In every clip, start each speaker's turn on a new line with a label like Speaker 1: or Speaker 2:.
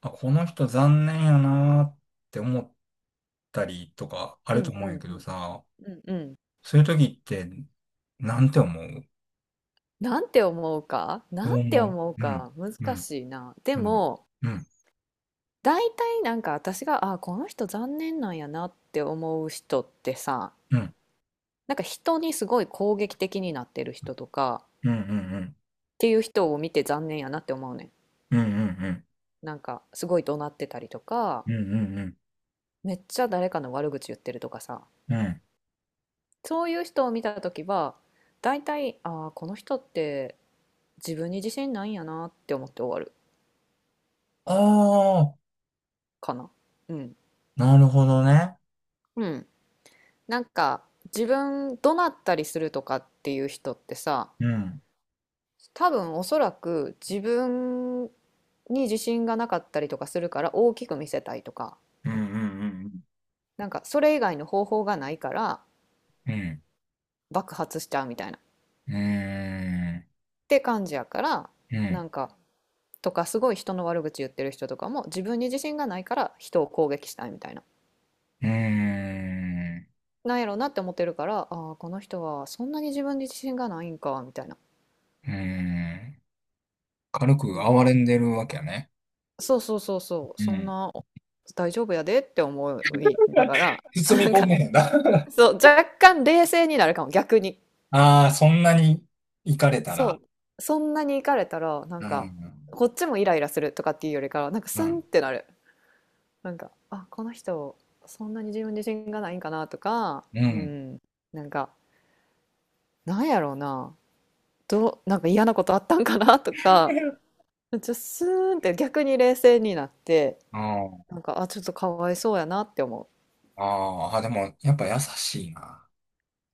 Speaker 1: あ、この人残念やなーって思ったりとかあ
Speaker 2: う
Speaker 1: ると
Speaker 2: ん
Speaker 1: 思
Speaker 2: う
Speaker 1: うんや
Speaker 2: ん
Speaker 1: け
Speaker 2: う
Speaker 1: ど
Speaker 2: ん
Speaker 1: さ、
Speaker 2: うんうん。
Speaker 1: そういう時って、なんて思う
Speaker 2: なんて思うか
Speaker 1: ど
Speaker 2: な
Speaker 1: う
Speaker 2: んて
Speaker 1: 思
Speaker 2: 思う
Speaker 1: ううん、
Speaker 2: か
Speaker 1: う
Speaker 2: 難
Speaker 1: ん、
Speaker 2: しいな。で
Speaker 1: うん、
Speaker 2: も
Speaker 1: うん、
Speaker 2: 大体なんか私があこの人残念なんやなって思う人ってさ
Speaker 1: うん、
Speaker 2: なんか人にすごい攻撃的になってる人とかっ
Speaker 1: うん、うん、うん、
Speaker 2: ていう人を見て残念やなって思うねん。
Speaker 1: うん、うん、うん、
Speaker 2: なんかすごい怒鳴ってたりとか
Speaker 1: うん、うん、うん。
Speaker 2: めっちゃ誰かの悪口言ってるとかさ
Speaker 1: うん
Speaker 2: そういう人を見た時は大体あこの人って自分に自信ないんやなって思って終わる
Speaker 1: ああ、
Speaker 2: かな。うん。
Speaker 1: なるほどね。
Speaker 2: うんなんか自分怒鳴ったりするとかっていう人ってさ
Speaker 1: うん、
Speaker 2: 多分おそらく自分に自信がなかったりとかするから大きく見せたいとか
Speaker 1: うん、うん、
Speaker 2: なんかそれ以外の方法がないから
Speaker 1: うん、うん、うん、
Speaker 2: 爆発しちゃうみたいなっ
Speaker 1: うん、
Speaker 2: て感じやから
Speaker 1: う
Speaker 2: な
Speaker 1: ん、
Speaker 2: んかとかすごい人の悪口言ってる人とかも自分に自信がないから人を攻撃したいみたいな
Speaker 1: うん、
Speaker 2: なんやろうなって思ってるからああこの人はそんなに自分に自信がないんかみたいな
Speaker 1: ん。軽
Speaker 2: ま
Speaker 1: く哀
Speaker 2: あ
Speaker 1: れんでるわけやね。
Speaker 2: そうそうそうそう、
Speaker 1: う
Speaker 2: そん
Speaker 1: ん。
Speaker 2: な大丈夫やでって思いなが ら、
Speaker 1: 包
Speaker 2: な
Speaker 1: み
Speaker 2: ん
Speaker 1: 込ん
Speaker 2: か、
Speaker 1: でへ んな。
Speaker 2: そう、若干冷静になるかも、逆に。
Speaker 1: ああ、そんなに行かれたら。
Speaker 2: そう、そんなに行かれたら、なん
Speaker 1: う
Speaker 2: か、
Speaker 1: ん、
Speaker 2: こっちもイライラするとかっていうよりかは、なんか
Speaker 1: う
Speaker 2: スンっ
Speaker 1: ん、
Speaker 2: てなる。なんか、あ、この人、そんなに自分自信がないんかなとか、
Speaker 1: う
Speaker 2: う
Speaker 1: ん。
Speaker 2: ん、なんか、なんやろうな、どう、なんか嫌なことあったんかなとか、めっちゃスーンって逆に冷静になって、
Speaker 1: あ
Speaker 2: なんか、あ、ちょっとかわいそうやなって思う。
Speaker 1: あ、ああ、でも、やっぱ優しいな。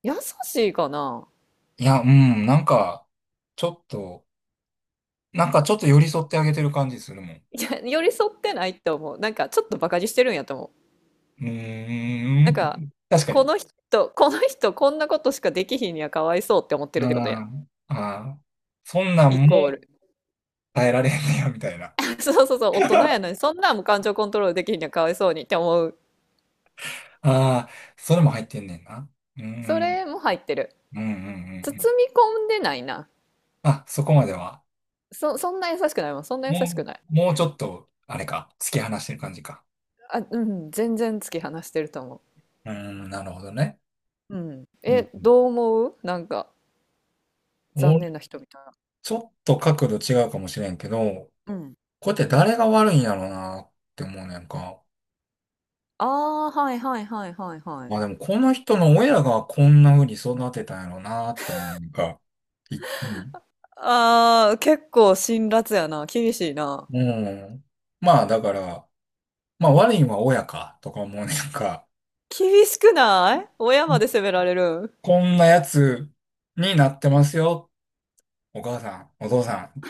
Speaker 2: 優しいかな
Speaker 1: いや、うん、なんか、ちょっと、なんかちょっと寄り添ってあげてる感じするもん。
Speaker 2: いや、寄り添ってないって思う。なんか、ちょっとバカにしてるんやと思う。
Speaker 1: うー
Speaker 2: なんか、
Speaker 1: ん、確か
Speaker 2: こ
Speaker 1: に。
Speaker 2: の人、この人、こんなことしかできひんにはかわいそうって思ってる
Speaker 1: う
Speaker 2: ってことやん。
Speaker 1: ん、ああ、そんなん
Speaker 2: イ
Speaker 1: も
Speaker 2: コール
Speaker 1: 耐えられへんねや、みたいな。
Speaker 2: そうそうそう、大人やのに、そんなんも感情コントロールできひんにはかわいそうにって思う。
Speaker 1: ああ、それも入ってんねんな。うー
Speaker 2: そ
Speaker 1: ん、
Speaker 2: れも入ってる。
Speaker 1: うん、うん、う
Speaker 2: 包
Speaker 1: ん。うん
Speaker 2: み込んでないな。
Speaker 1: あ、そこまでは。
Speaker 2: そんな優しくないもん。そんな優しく
Speaker 1: も
Speaker 2: ない。
Speaker 1: もうちょっと、あれか、突き放してる感じか。
Speaker 2: あ、うん、全然突き放してると思
Speaker 1: うん、なるほどね。
Speaker 2: う。うん。
Speaker 1: うん。
Speaker 2: え、どう思うなんか、残
Speaker 1: 俺、
Speaker 2: 念な人みたいな。
Speaker 1: ちょっと角度違うかもしれんけど、
Speaker 2: うん。
Speaker 1: これって誰が悪いんやろうなって思うねんか。
Speaker 2: ああ、はいはいはいはいは
Speaker 1: ま
Speaker 2: い。
Speaker 1: あでも、この人の親がこんな風に育てたんやろうなって思うねんか。い
Speaker 2: ああ、結構辛辣やな。厳しいな。
Speaker 1: うん。まあだから、まあ悪いんは親かとか思うねんか。
Speaker 2: 厳しくない親まで責められる
Speaker 1: こんなやつになってますよ。お母さん、お父さん。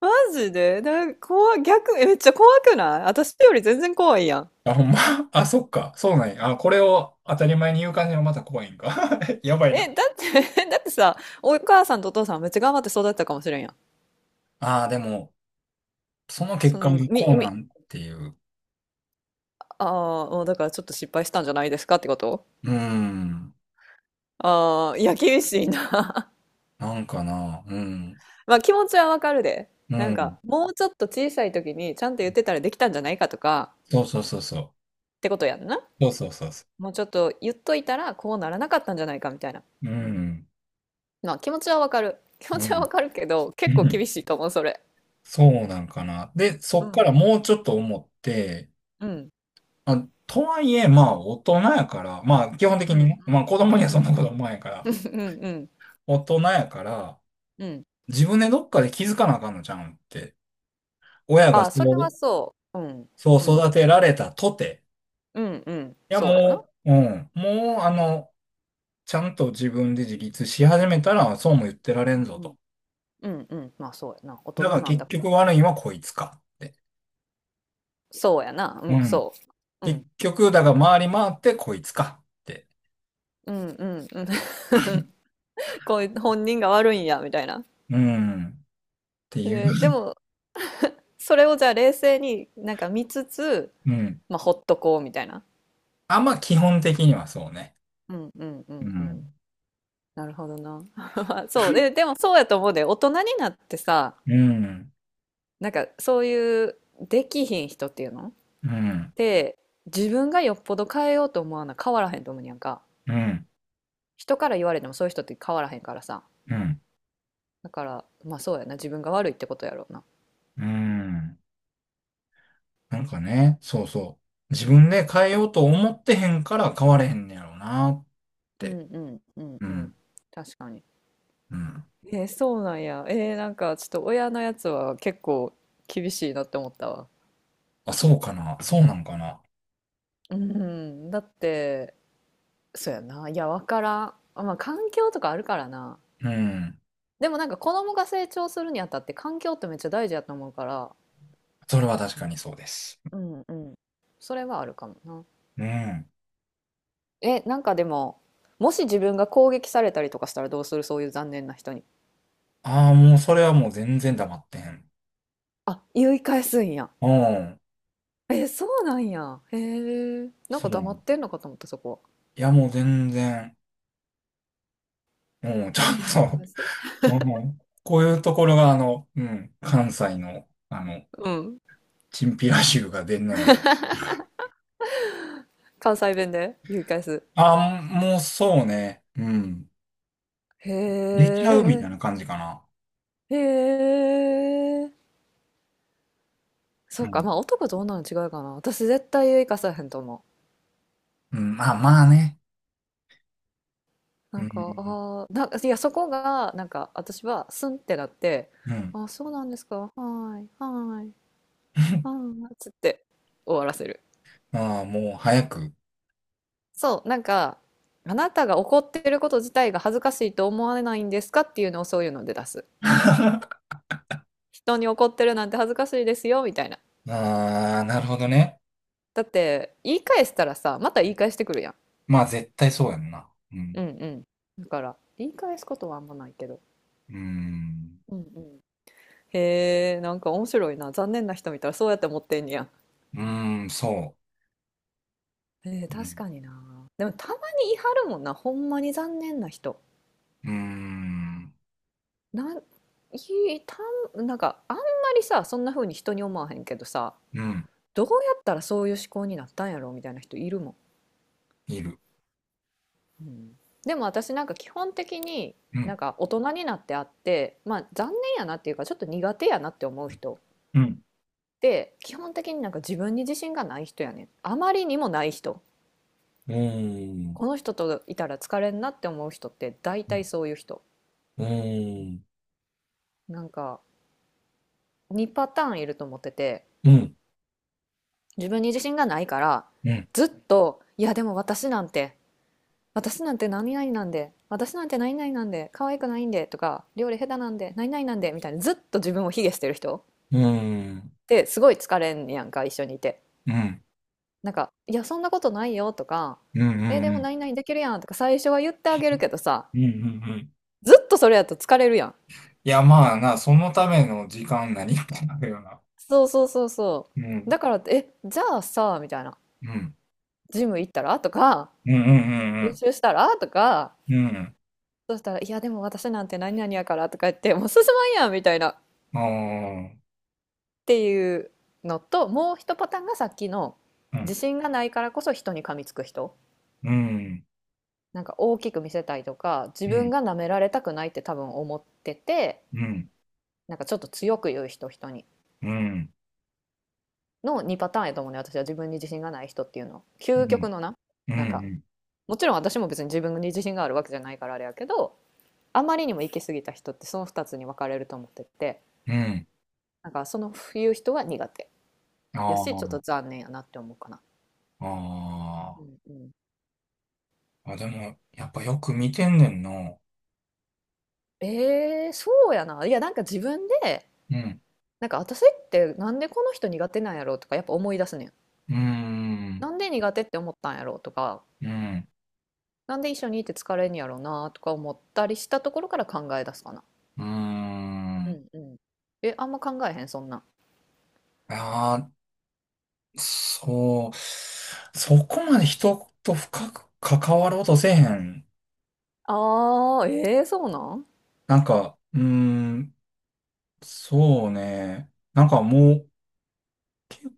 Speaker 2: マジで、怖い、逆、えめっちゃ怖くない私より全然怖いやん。
Speaker 1: あ、ほんま。あ、そっか。そうなんや。あ、これを当たり前に言う感じがまた怖いんか。やばいな。
Speaker 2: え、だって だってさ、お母さんとお父さんめっちゃ頑張って育てたかもしれんやん。
Speaker 1: ああ、でも、その結
Speaker 2: そ
Speaker 1: 果
Speaker 2: の、
Speaker 1: がこうなんっていう。
Speaker 2: ああ、もうだからちょっと失敗したんじゃないですかってこと
Speaker 1: うん。
Speaker 2: ああ、いや、厳しいな。
Speaker 1: なんかな。うん。
Speaker 2: まあ気持ちはわかるで。
Speaker 1: う
Speaker 2: なん
Speaker 1: ん。
Speaker 2: か、もうちょっと小さい時にちゃんと言ってたらできたんじゃないかとか、
Speaker 1: そうそうそうそ
Speaker 2: ってことやんな。
Speaker 1: う。そうそうそうそ
Speaker 2: もうちょっと言っといたらこうならなかったんじゃないかみたいな。
Speaker 1: う。うん。
Speaker 2: まあ気持ちはわかる。気
Speaker 1: う
Speaker 2: 持ちは
Speaker 1: ん。
Speaker 2: わかるけど、
Speaker 1: う
Speaker 2: 結構
Speaker 1: ん。
Speaker 2: 厳しいと思う、それ。
Speaker 1: そうなんかな。で、そ
Speaker 2: う
Speaker 1: っから
Speaker 2: ん。
Speaker 1: もうちょっと思って、
Speaker 2: うん。
Speaker 1: あ、とはいえ、まあ、大人やから、まあ、基本的
Speaker 2: うん
Speaker 1: に
Speaker 2: うん
Speaker 1: ね、まあ、子供には
Speaker 2: う
Speaker 1: そんな
Speaker 2: んう
Speaker 1: こと
Speaker 2: ん
Speaker 1: 思わんやから、
Speaker 2: うんうん
Speaker 1: 大人やから、
Speaker 2: うん。
Speaker 1: 自分でどっかで気づかなあかんのちゃうんって。親が
Speaker 2: あ
Speaker 1: そ
Speaker 2: あ、それはそう。うん。
Speaker 1: う、
Speaker 2: う
Speaker 1: そう
Speaker 2: ん。
Speaker 1: 育てられたとて。
Speaker 2: うんうん。
Speaker 1: いや、
Speaker 2: そうやな。
Speaker 1: もう、うん。もう、あの、ちゃんと自分で自立し始めたら、そうも言ってられ
Speaker 2: う
Speaker 1: ん
Speaker 2: ん
Speaker 1: ぞ
Speaker 2: うん。
Speaker 1: と。
Speaker 2: うんうん。まあそうやな。大人
Speaker 1: だから
Speaker 2: なんだ
Speaker 1: 結
Speaker 2: から
Speaker 1: 局
Speaker 2: ってな。
Speaker 1: 悪いのはこいつかって。
Speaker 2: そうやな。う
Speaker 1: う
Speaker 2: ん、
Speaker 1: ん。
Speaker 2: そう。う
Speaker 1: 結
Speaker 2: ん。
Speaker 1: 局、だから回り回ってこいつかって。
Speaker 2: うんうんうん。こういう本人が悪いんや、みたいな。
Speaker 1: うん。っていう。
Speaker 2: でも、それをじゃあ冷静になんか見つつ、
Speaker 1: うん。
Speaker 2: まあほっとこうみたいな。
Speaker 1: あんま基本的にはそうね。
Speaker 2: うんうんう
Speaker 1: う
Speaker 2: んうん。
Speaker 1: ん。
Speaker 2: なるほどな。そう。でもそうやと思うで、大人になってさ、
Speaker 1: うん。
Speaker 2: なんかそういうできひん人っていうの
Speaker 1: うん。
Speaker 2: で、自分がよっぽど変えようと思わな変わらへんと思うにやんか。
Speaker 1: うん。
Speaker 2: 人から言われてもそういう人って変わらへんからさ。
Speaker 1: うん。
Speaker 2: だから、まあそうやな。自分が悪いってことやろうな。
Speaker 1: うん。なんかね、そうそう。自分で変えようと思ってへんから変われへんねやろうなっ
Speaker 2: うん
Speaker 1: て。
Speaker 2: うんうん
Speaker 1: う
Speaker 2: うん。
Speaker 1: ん。
Speaker 2: 確かに。
Speaker 1: うん。
Speaker 2: そうなんや。なんかちょっと親のやつは結構厳しいなって思ったわ。
Speaker 1: あ、そうかな。そうなんかな。
Speaker 2: うん、だってそうやな。いや、わからん。まあ、環境とかあるからな。
Speaker 1: うん。
Speaker 2: でもなんか子供が成長するにあたって環境ってめっちゃ大事やと思うから、
Speaker 1: それは確かにそうです。
Speaker 2: うんうん。それはあるかもな。
Speaker 1: うん。
Speaker 2: え、なんかでも、もし自分が攻撃されたりとかしたらどうするそういう残念な人に。
Speaker 1: ああ、もうそれはもう全然黙ってん。
Speaker 2: あ、言い返すんや。
Speaker 1: うん。
Speaker 2: え、そうなんや。へえ。なん
Speaker 1: そ
Speaker 2: か黙
Speaker 1: う。
Speaker 2: ってんのかと思った、そこは。
Speaker 1: いや、もう全然。うん、ちょ
Speaker 2: 言い
Speaker 1: っと、
Speaker 2: 返す
Speaker 1: うん。こういうところが、あの、うん、関西の、あの、
Speaker 2: うん。
Speaker 1: チンピラ臭が出んのや。
Speaker 2: 関西弁で言い返す。
Speaker 1: ああ、もうそうね。うん。
Speaker 2: へ
Speaker 1: 出ちゃうみた
Speaker 2: え。
Speaker 1: いな感じかな。
Speaker 2: へえ。そ
Speaker 1: う
Speaker 2: うか、
Speaker 1: ん。
Speaker 2: まあ男と女の違いかな。私絶対生かさへんと思
Speaker 1: うん、まあまあね。
Speaker 2: う。
Speaker 1: う
Speaker 2: なんか、
Speaker 1: ん。
Speaker 2: ああ、なんか、いや、そこが、なんか、私は、スンってなって、
Speaker 1: うん。
Speaker 2: ああ、そうなんですか。はーい、はーい、は ーい、つって終わらせる。
Speaker 1: ああ、もう早く。
Speaker 2: そう、なんか、あなたが怒ってること自体が恥ずかしいと思われないんですかっていうのをそういうので出す。人に怒ってるなんて恥ずかしいですよ、みたいな。
Speaker 1: ああ、なるほどね。
Speaker 2: だって、言い返したらさ、また言い返してくるやん。
Speaker 1: まあ絶対そうやんな。う
Speaker 2: う
Speaker 1: ん。
Speaker 2: んうん。だから、言い返すことはあんまないけど。
Speaker 1: うん。
Speaker 2: うんうん。へえ、なんか面白いな。残念な人見たらそうやって思ってんねや。
Speaker 1: うん、そう。う
Speaker 2: 確
Speaker 1: ん
Speaker 2: かにな。でもたまに言い張るもんな。ほんまに残念な人。
Speaker 1: うーん。
Speaker 2: なん、いたなんかあんまりさ、そんな風に人に思わへんけどさ、
Speaker 1: うん。
Speaker 2: どうやったらそういう思考になったんやろみたいな人いるもん。
Speaker 1: いる。
Speaker 2: うんでも私なんか基本的に
Speaker 1: う
Speaker 2: なん
Speaker 1: ん。
Speaker 2: か大人になってあって、まあ残念やなっていうかちょっと苦手やなって思う人っ
Speaker 1: うん。
Speaker 2: て基本的になんか自分に自信がない人やねん。あまりにもない人。
Speaker 1: うーん。
Speaker 2: この人といたら疲れんなって思う人って大
Speaker 1: う
Speaker 2: 体
Speaker 1: ん。
Speaker 2: そういう人
Speaker 1: うん。
Speaker 2: なんか2パターンいると思ってて
Speaker 1: うん。
Speaker 2: 自分に自信がないから
Speaker 1: うん。
Speaker 2: ずっと「いやでも私なんて私なんて何々なんで私なんて何々なんで可愛くないんで」とか「料理下手なんで何々なんで」みたいなずっと自分を卑下してる人っ
Speaker 1: うん。
Speaker 2: てすごい疲れんやんか一緒にいて。
Speaker 1: うん。うん。うん。
Speaker 2: なんか「いやそんなことないよ」とか
Speaker 1: う
Speaker 2: 「えでも
Speaker 1: ん。
Speaker 2: 何々できるやん」とか最初は言ってあげるけどさ
Speaker 1: うん。うん
Speaker 2: ずっとそれやと疲れるやん。
Speaker 1: いや、まあな、そのための時間何かなるよな。
Speaker 2: そうそうそうそ
Speaker 1: うん。
Speaker 2: う。だからって、え、じゃあさ、みたいな。
Speaker 1: うん。
Speaker 2: ジム行ったらとか、
Speaker 1: うん。う
Speaker 2: 練
Speaker 1: ん。
Speaker 2: 習したらとか、
Speaker 1: うんうんうん。うん。
Speaker 2: そしたら、いや、でも私なんて何々やからとか言って、もう進まんやんみたいなっ
Speaker 1: あ
Speaker 2: ていうのと、もう一パターンがさっきの、
Speaker 1: あ。う
Speaker 2: 自
Speaker 1: ん。
Speaker 2: 信がないからこそ人に噛みつく人。
Speaker 1: うん。
Speaker 2: なんか大きく見せたいとか、自
Speaker 1: う
Speaker 2: 分
Speaker 1: ん。
Speaker 2: が舐められたくないって多分思ってて、
Speaker 1: うん。
Speaker 2: なんかちょっと強く言う人、人に。
Speaker 1: うん。
Speaker 2: の2パターンやと思うね、私は自分に自信がない人っていうの。究極のな、
Speaker 1: う
Speaker 2: なんか
Speaker 1: ん。
Speaker 2: もちろん私も別に自分に自信があるわけじゃないからあれやけどあまりにも行き過ぎた人ってその二つに分かれると思ってて
Speaker 1: うん。
Speaker 2: なんかその言う人は苦手やしちょっ
Speaker 1: あ
Speaker 2: と残念やなって思うかな。う
Speaker 1: あ。あ
Speaker 2: んうん
Speaker 1: あ。あ、でも、やっぱよく見てんねんな。
Speaker 2: そうやないやなんか自分で
Speaker 1: うん。
Speaker 2: なんか私ってなんでこの人苦手なんやろうとかやっぱ思い出すねん。
Speaker 1: うーん。
Speaker 2: なんで苦手って思ったんやろうとか
Speaker 1: うん。
Speaker 2: なんで一緒にいて疲れんやろうなとか思ったりしたところから考え出すかな。
Speaker 1: うー
Speaker 2: う
Speaker 1: ん。
Speaker 2: んうん。え、あんま考えへんそんなん。
Speaker 1: ああ、そう。そこまで人と深く関わろうとせえへん。
Speaker 2: そうなん
Speaker 1: なんか、うーん、そうね。なんかもう結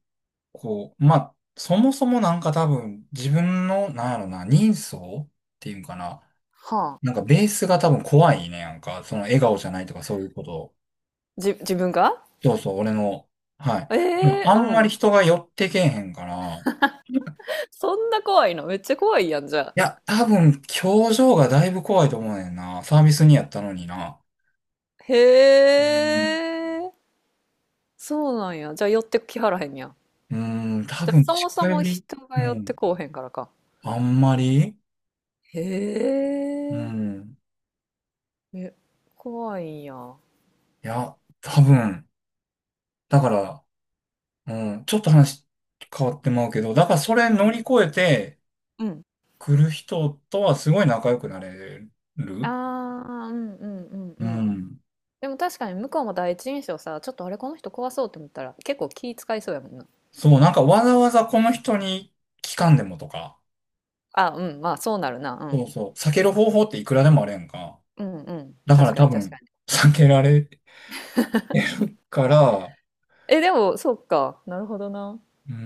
Speaker 1: 構、まあ、そもそもなんか多分自分の、なんやろな、人相っていうんかな。
Speaker 2: は
Speaker 1: なんかベースが多分怖いねなんか。その笑顔じゃないとかそういうこと。
Speaker 2: 自分が
Speaker 1: そうそう、俺の。はい。
Speaker 2: え
Speaker 1: ま
Speaker 2: え
Speaker 1: あ
Speaker 2: ー
Speaker 1: んま
Speaker 2: う
Speaker 1: り
Speaker 2: ん。
Speaker 1: 人が寄ってけえへんから。
Speaker 2: そんな怖いのめっちゃ怖いやん、じゃあ。
Speaker 1: や、多分、表情がだいぶ怖いと思うねんな。サービスにやったのにな。
Speaker 2: へ
Speaker 1: うん。
Speaker 2: え、そうなんや。じゃあ寄ってきはらへんやん。
Speaker 1: うん、多
Speaker 2: じゃあ
Speaker 1: 分、
Speaker 2: そ
Speaker 1: 近
Speaker 2: もそ
Speaker 1: 寄
Speaker 2: も
Speaker 1: り、
Speaker 2: 人が
Speaker 1: う
Speaker 2: 寄って
Speaker 1: ん、
Speaker 2: こうへんからか。
Speaker 1: あんまり、
Speaker 2: へ
Speaker 1: う
Speaker 2: え、
Speaker 1: ん、
Speaker 2: え、怖いんや。
Speaker 1: いや、多分、だから、うん、ちょっと話変わってまうけど、だからそれ
Speaker 2: う
Speaker 1: 乗り
Speaker 2: ん。
Speaker 1: 越えて
Speaker 2: うん。
Speaker 1: 来る人とはすごい仲良くなれ
Speaker 2: あ
Speaker 1: る。
Speaker 2: あ、うんうんうん
Speaker 1: う
Speaker 2: うん。
Speaker 1: ん。
Speaker 2: でも確かに向こうも第一印象さ、ちょっとあれこの人怖そうって思ったら結構気使いそうやもんな。
Speaker 1: そう、なんかわざわざこの人に聞かんでもとか、
Speaker 2: あ、うん、まあそうなるな。う
Speaker 1: そう
Speaker 2: ん。
Speaker 1: そう、避ける方法っていくらでもあるやんか。
Speaker 2: うんうん。
Speaker 1: だか
Speaker 2: 確
Speaker 1: ら
Speaker 2: か
Speaker 1: 多
Speaker 2: に確か
Speaker 1: 分、
Speaker 2: に。
Speaker 1: 避けられから、
Speaker 2: え、でも、そっか。なるほどな。
Speaker 1: うん、う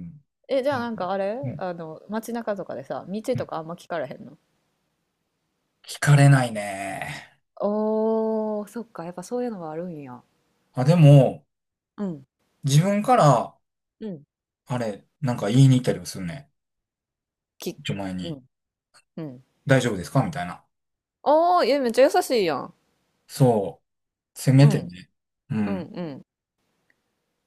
Speaker 1: ん
Speaker 2: え、じゃあなんかあれ
Speaker 1: うん
Speaker 2: あの、街中とかでさ、道
Speaker 1: う
Speaker 2: と
Speaker 1: ん
Speaker 2: かあんま聞かれへんの
Speaker 1: 聞かれないね。
Speaker 2: おー、そっか、やっぱそういうのはあるんや。
Speaker 1: あ、でも、
Speaker 2: うん、
Speaker 1: 自分から、
Speaker 2: うん。
Speaker 1: あれ、なんか言いに行ったりもするね。
Speaker 2: き、
Speaker 1: 前
Speaker 2: う
Speaker 1: に、
Speaker 2: ん、うん。
Speaker 1: 大丈夫ですかみたいな。
Speaker 2: おー、いや、めっちゃ優しいやん。
Speaker 1: そう。せめ
Speaker 2: う
Speaker 1: て
Speaker 2: ん、
Speaker 1: ね。う
Speaker 2: うん、
Speaker 1: ん。
Speaker 2: うん。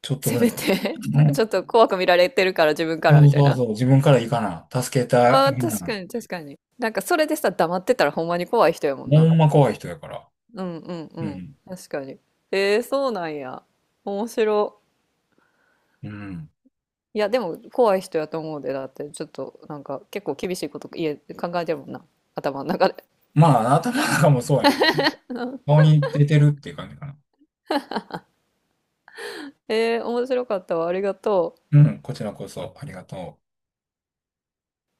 Speaker 1: ちょっと
Speaker 2: せ
Speaker 1: ぐら
Speaker 2: め
Speaker 1: いは。
Speaker 2: て
Speaker 1: う
Speaker 2: ちょっ
Speaker 1: ん。
Speaker 2: と怖く見られてるから自分か
Speaker 1: そ
Speaker 2: らみ
Speaker 1: う
Speaker 2: たい
Speaker 1: そう
Speaker 2: な。
Speaker 1: そう。自分から行かな。助けた
Speaker 2: あー、
Speaker 1: い
Speaker 2: 確
Speaker 1: な。
Speaker 2: かに、確かに。なんかそれでさ、黙ってたらほんまに怖い人やもん
Speaker 1: ほ
Speaker 2: な。
Speaker 1: んま怖い人やから。
Speaker 2: うん、うん、う
Speaker 1: う
Speaker 2: ん。
Speaker 1: ん。
Speaker 2: 確かに。そうなんや。面白。
Speaker 1: うん。
Speaker 2: いや、でも怖い人やと思うで、だって、ちょっと、なんか、結構厳しいこと家考えてるもんな、頭の中で。
Speaker 1: まあ、頭なんかもそうやね。顔 に出てるっていう感じかな。
Speaker 2: 面白かったわ、ありがとう。
Speaker 1: うん。こちらこそ、ありがとう。